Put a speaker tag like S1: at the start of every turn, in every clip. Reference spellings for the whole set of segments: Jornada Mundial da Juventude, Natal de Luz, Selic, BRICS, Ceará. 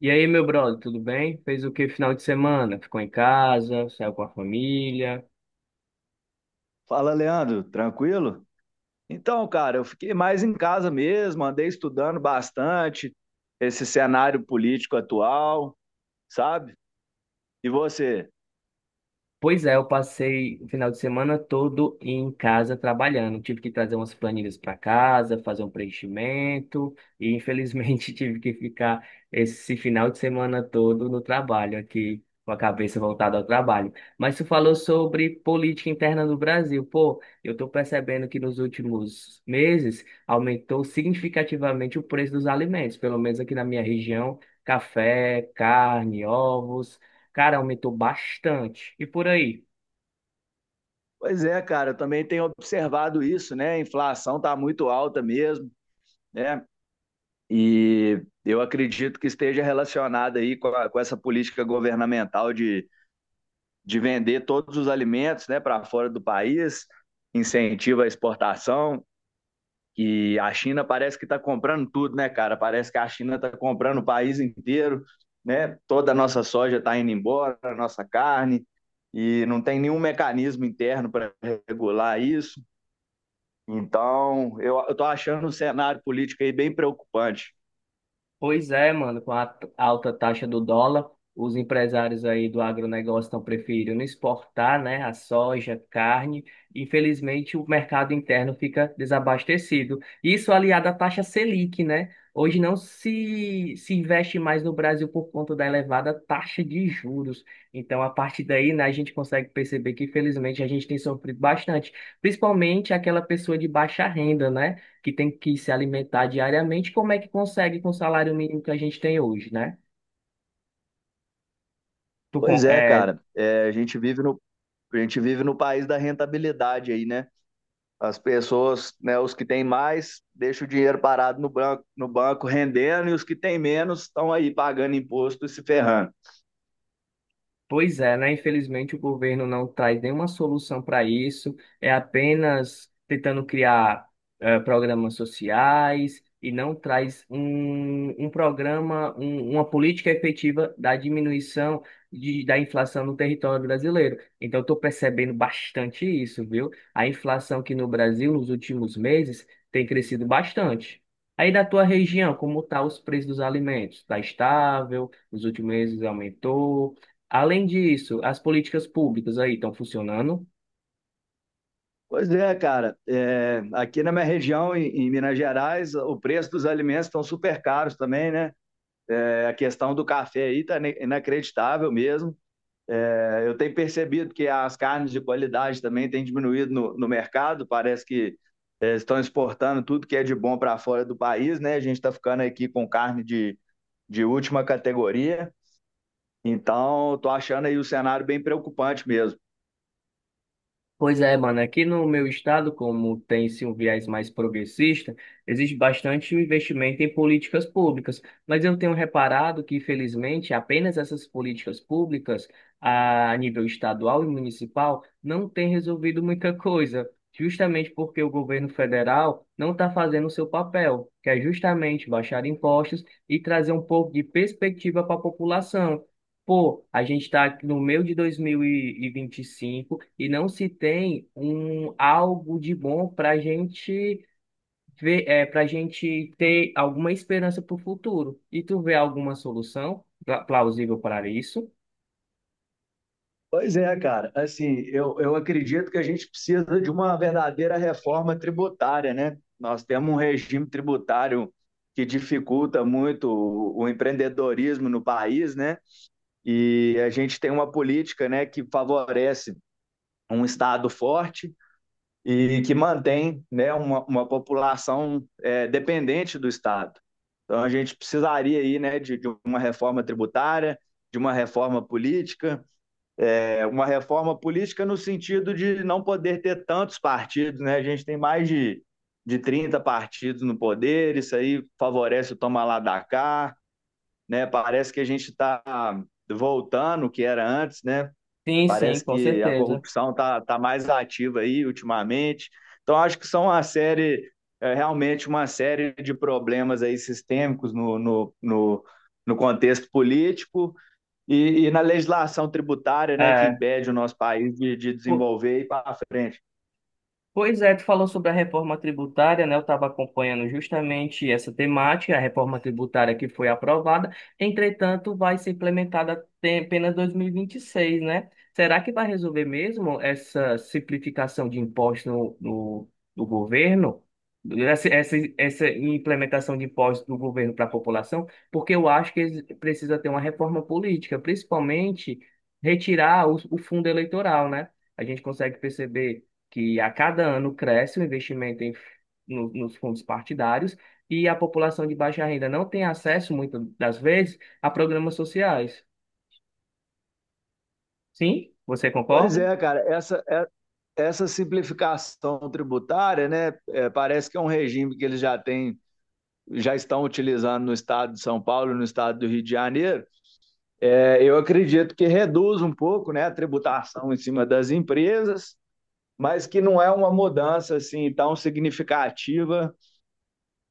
S1: E aí, meu brother, tudo bem? Fez o que final de semana? Ficou em casa? Saiu com a família?
S2: Fala, Leandro, tranquilo? Então, cara, eu fiquei mais em casa mesmo, andei estudando bastante esse cenário político atual, sabe? E você?
S1: Pois é, eu passei o final de semana todo em casa trabalhando. Tive que trazer umas planilhas para casa, fazer um preenchimento e infelizmente tive que ficar esse final de semana todo no trabalho aqui, com a cabeça voltada ao trabalho. Mas tu falou sobre política interna do Brasil. Pô, eu estou percebendo que nos últimos meses aumentou significativamente o preço dos alimentos, pelo menos aqui na minha região, café, carne, ovos. Cara, aumentou bastante. E por aí?
S2: Pois é, cara, eu também tenho observado isso, né? A inflação tá muito alta mesmo, né? E eu acredito que esteja relacionada aí com, com essa política governamental de vender todos os alimentos, né, para fora do país, incentiva a exportação. Que a China parece que está comprando tudo, né, cara? Parece que a China está comprando o país inteiro, né? Toda a nossa soja está indo embora, a nossa carne, e não tem nenhum mecanismo interno para regular isso. Então, eu estou achando o cenário político aí bem preocupante.
S1: Pois é, mano, com a alta taxa do dólar, os empresários aí do agronegócio estão preferindo exportar, né, a soja, carne. Infelizmente, o mercado interno fica desabastecido. Isso aliado à taxa Selic, né? Hoje não se investe mais no Brasil por conta da elevada taxa de juros. Então, a partir daí, né, a gente consegue perceber que, infelizmente, a gente tem sofrido bastante, principalmente aquela pessoa de baixa renda, né? Que tem que se alimentar diariamente, como é que consegue com o salário mínimo que a gente tem hoje, né? Tu,
S2: Pois é, cara. É, a gente vive no país da rentabilidade aí, né? As pessoas, né, os que têm mais, deixam o dinheiro parado no banco, no banco rendendo, e os que têm menos estão aí pagando imposto e se ferrando.
S1: Pois é, né? Infelizmente o governo não traz nenhuma solução para isso, é apenas tentando criar programas sociais e não traz um programa, uma política efetiva da diminuição da inflação no território brasileiro. Então, estou percebendo bastante isso, viu? A inflação aqui no Brasil nos últimos meses tem crescido bastante. Aí da tua região, como tá os preços dos alimentos? Tá estável? Nos últimos meses aumentou? Além disso, as políticas públicas aí estão funcionando.
S2: Pois é, cara. É, aqui na minha região, em Minas Gerais, o preço dos alimentos estão super caros também, né? É, a questão do café aí está inacreditável mesmo. É, eu tenho percebido que as carnes de qualidade também têm diminuído no mercado. Parece que é, estão exportando tudo que é de bom para fora do país, né? A gente está ficando aqui com carne de última categoria. Então, estou achando aí o cenário bem preocupante mesmo.
S1: Pois é, mano, aqui no meu estado, como tem-se um viés mais progressista, existe bastante investimento em políticas públicas, mas eu tenho reparado que, infelizmente, apenas essas políticas públicas, a nível estadual e municipal, não têm resolvido muita coisa, justamente porque o governo federal não está fazendo o seu papel, que é justamente baixar impostos e trazer um pouco de perspectiva para a população. Pô, a gente está no meio de 2025 e vinte e cinco e não se tem um algo de bom para a gente ver, é, para gente ter alguma esperança para o futuro. E tu vê alguma solução plausível para isso?
S2: Pois é, cara. Assim, eu acredito que a gente precisa de uma verdadeira reforma tributária, né? Nós temos um regime tributário que dificulta muito o empreendedorismo no país, né? E a gente tem uma política, né, que favorece um Estado forte e que mantém né, uma população dependente do Estado. Então, a gente precisaria aí, né, de uma reforma tributária, de uma reforma política, uma reforma política no sentido de não poder ter tantos partidos. Né? A gente tem mais de 30 partidos no poder, isso aí favorece o toma lá da cá. Né? Parece que a gente está voltando o que era antes, né?
S1: Sim, sim,
S2: Parece
S1: com
S2: que a
S1: certeza.
S2: corrupção está tá mais ativa aí ultimamente. Então, acho que são uma série, realmente uma série de problemas aí sistêmicos no contexto político e na legislação tributária, né, que
S1: É,
S2: impede o nosso país de desenvolver e ir para frente.
S1: Pois é, tu falou sobre a reforma tributária, né? Eu estava acompanhando justamente essa temática, a reforma tributária que foi aprovada, entretanto, vai ser implementada apenas 2026, né? Será que vai resolver mesmo essa simplificação de impostos no, no, do governo? Essa implementação de impostos do governo para a população? Porque eu acho que precisa ter uma reforma política, principalmente retirar o fundo eleitoral, né? A gente consegue perceber que a cada ano cresce o investimento em, nos fundos partidários e a população de baixa renda não tem acesso, muitas das vezes, a programas sociais. Sim? Você
S2: Pois
S1: concorda?
S2: é, cara, essa simplificação tributária, né, parece que é um regime que eles já têm, já estão utilizando no estado de São Paulo, no estado do Rio de Janeiro. É, eu acredito que reduz um pouco, né, a tributação em cima das empresas, mas que não é uma mudança assim tão significativa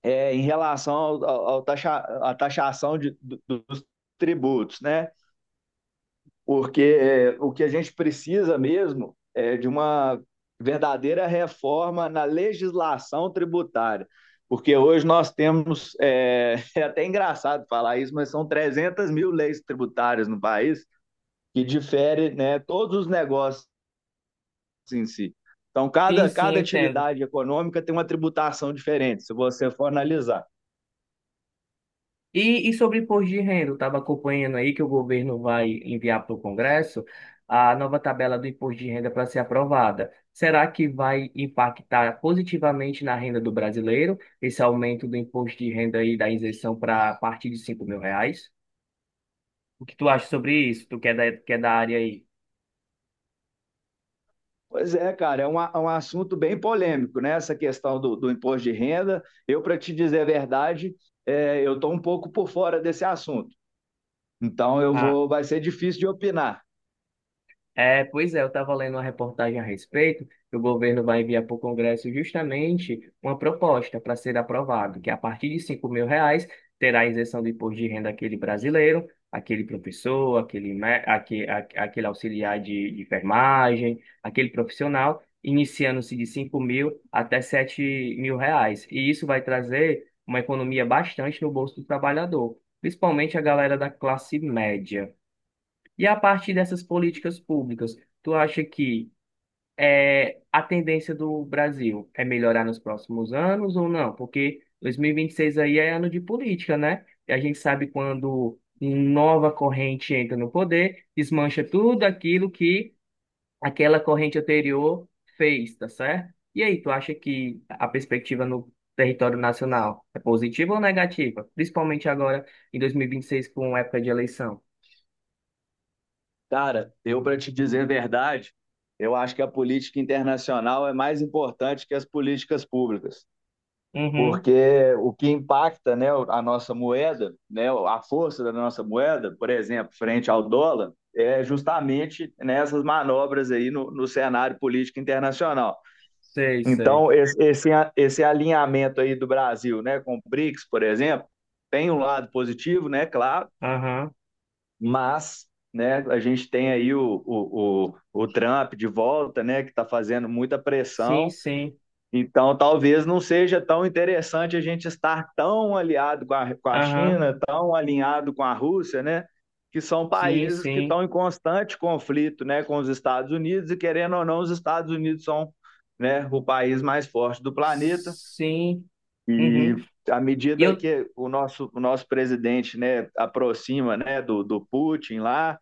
S2: em relação ao, ao taxa, à taxação dos tributos, né? Porque o que a gente precisa mesmo é de uma verdadeira reforma na legislação tributária, porque hoje nós temos é até engraçado falar isso, mas são 300 mil leis tributárias no país que difere né, todos os negócios em si. Então,
S1: Sim,
S2: cada,
S1: sim, eu
S2: cada
S1: entendo.
S2: atividade econômica tem uma tributação diferente, se você for analisar.
S1: E sobre imposto de renda, eu estava acompanhando aí que o governo vai enviar para o Congresso a nova tabela do imposto de renda para ser aprovada. Será que vai impactar positivamente na renda do brasileiro, esse aumento do imposto de renda aí da isenção para a partir de 5 mil reais? O que tu acha sobre isso? Tu que é da área aí?
S2: Pois é, cara, é um assunto bem polêmico, né? Essa questão do imposto de renda. Eu, para te dizer a verdade, eu estou um pouco por fora desse assunto. Então,
S1: A
S2: vai ser difícil de opinar.
S1: Pois é, eu estava lendo uma reportagem a respeito que o governo vai enviar para o Congresso justamente uma proposta para ser aprovado, que a partir de 5 mil reais terá a isenção do imposto de renda aquele brasileiro, aquele professor, aquele, auxiliar de enfermagem, aquele profissional, iniciando-se de 5 mil até 7 mil reais. E isso vai trazer uma economia bastante no bolso do trabalhador, principalmente a galera da classe média. E a partir dessas políticas públicas, tu acha que a tendência do Brasil é melhorar nos próximos anos ou não? Porque 2026 aí é ano de política, né? E a gente sabe quando nova corrente entra no poder, desmancha tudo aquilo que aquela corrente anterior fez, tá certo? E aí, tu acha que a perspectiva no território nacional é positiva ou negativa? Principalmente agora em 2026, com época de eleição.
S2: Cara, eu, para te dizer a verdade, eu acho que a política internacional é mais importante que as políticas públicas.
S1: Uhum,
S2: Porque o que impacta, né, a nossa moeda, né, a força da nossa moeda, por exemplo, frente ao dólar, é justamente nessas manobras aí no cenário político internacional.
S1: sei, sei.
S2: Então, esse alinhamento aí do Brasil, né, com o BRICS, por exemplo, tem um lado positivo, né, claro,
S1: Aham,
S2: mas né, a gente tem aí o Trump de volta, né, que está fazendo muita
S1: sim,
S2: pressão.
S1: sim.
S2: Então, talvez não seja tão interessante a gente estar tão aliado com a
S1: Aham,
S2: China, tão alinhado com a Rússia, né? Que são
S1: sim,
S2: países que
S1: sim.
S2: estão em constante conflito, né, com os Estados Unidos e querendo ou não, os Estados Unidos são, né, o país mais forte do planeta.
S1: Sim. Uhum.
S2: E à
S1: E
S2: medida
S1: eu
S2: que o nosso presidente, né, aproxima, né, do Putin lá,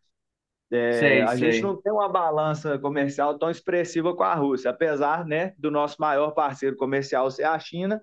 S1: sei,
S2: a gente
S1: sei.
S2: não tem uma balança comercial tão expressiva com a Rússia, apesar, né, do nosso maior parceiro comercial ser a China.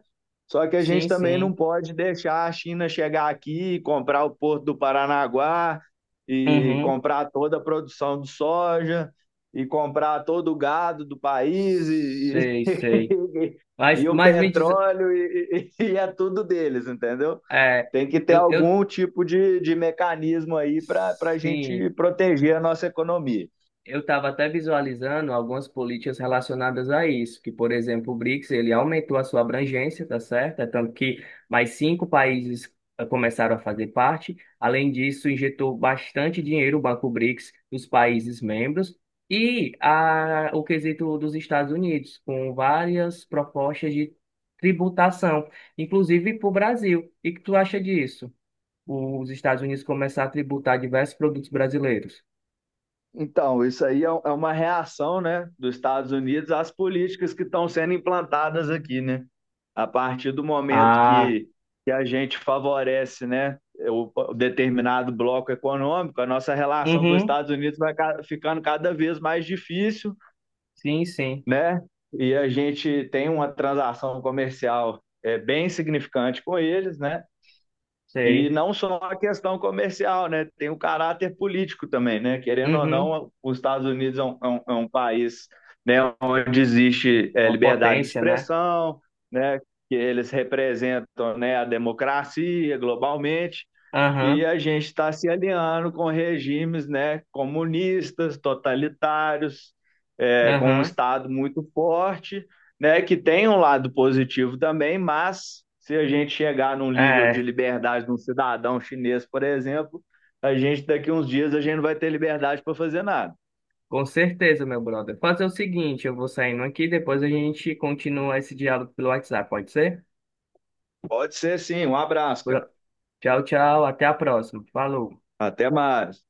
S2: Só que a gente
S1: Sim,
S2: também não
S1: sim.
S2: pode deixar a China chegar aqui e comprar o porto do Paranaguá e
S1: Uhum.
S2: comprar toda a produção de soja e comprar todo o gado do país
S1: Sei, sei. Mas,
S2: e o
S1: mas me diz.
S2: petróleo e é tudo deles, entendeu?
S1: É,
S2: Tem que ter
S1: eu, eu.
S2: algum tipo de mecanismo aí para a
S1: Sim.
S2: gente proteger a nossa economia.
S1: Eu estava até visualizando algumas políticas relacionadas a isso, que, por exemplo, o BRICS, ele aumentou a sua abrangência, tá certo? É, tanto que mais 5 países começaram a fazer parte. Além disso, injetou bastante dinheiro o Banco BRICS dos países membros e a, o quesito dos Estados Unidos, com várias propostas de tributação, inclusive para o Brasil. E que tu acha disso? Os Estados Unidos começar a tributar diversos produtos brasileiros?
S2: Então, isso aí é uma reação né, dos Estados Unidos às políticas que estão sendo implantadas aqui, né? A partir do momento
S1: Ah,
S2: que a gente favorece né, o determinado bloco econômico, a nossa relação com os
S1: uhum.
S2: Estados Unidos vai ficando cada vez mais difícil,
S1: Sim, sim,
S2: né? E a gente tem uma transação comercial bem significante com eles, né? E
S1: sei.
S2: não só a questão comercial, né? Tem o caráter político também, né? Querendo ou
S1: Uhum.
S2: não, os Estados Unidos é um país, né, onde existe
S1: Uma
S2: liberdade de
S1: potência, né?
S2: expressão, né? Que eles representam, né, a democracia globalmente. E
S1: Aham,
S2: a gente está se alinhando com regimes, né, comunistas, totalitários, com um
S1: aham.
S2: Estado muito forte, né, que tem um lado positivo também, mas se a gente chegar num nível de
S1: É,
S2: liberdade de um cidadão chinês, por exemplo, a gente daqui uns dias a gente não vai ter liberdade para fazer nada.
S1: com certeza, meu brother. Fazer o seguinte, eu vou saindo aqui, depois a gente continua esse diálogo pelo WhatsApp, pode ser?
S2: Pode ser sim. Um abraço, cara.
S1: Bro- Tchau, tchau, até a próxima. Falou.
S2: Até mais.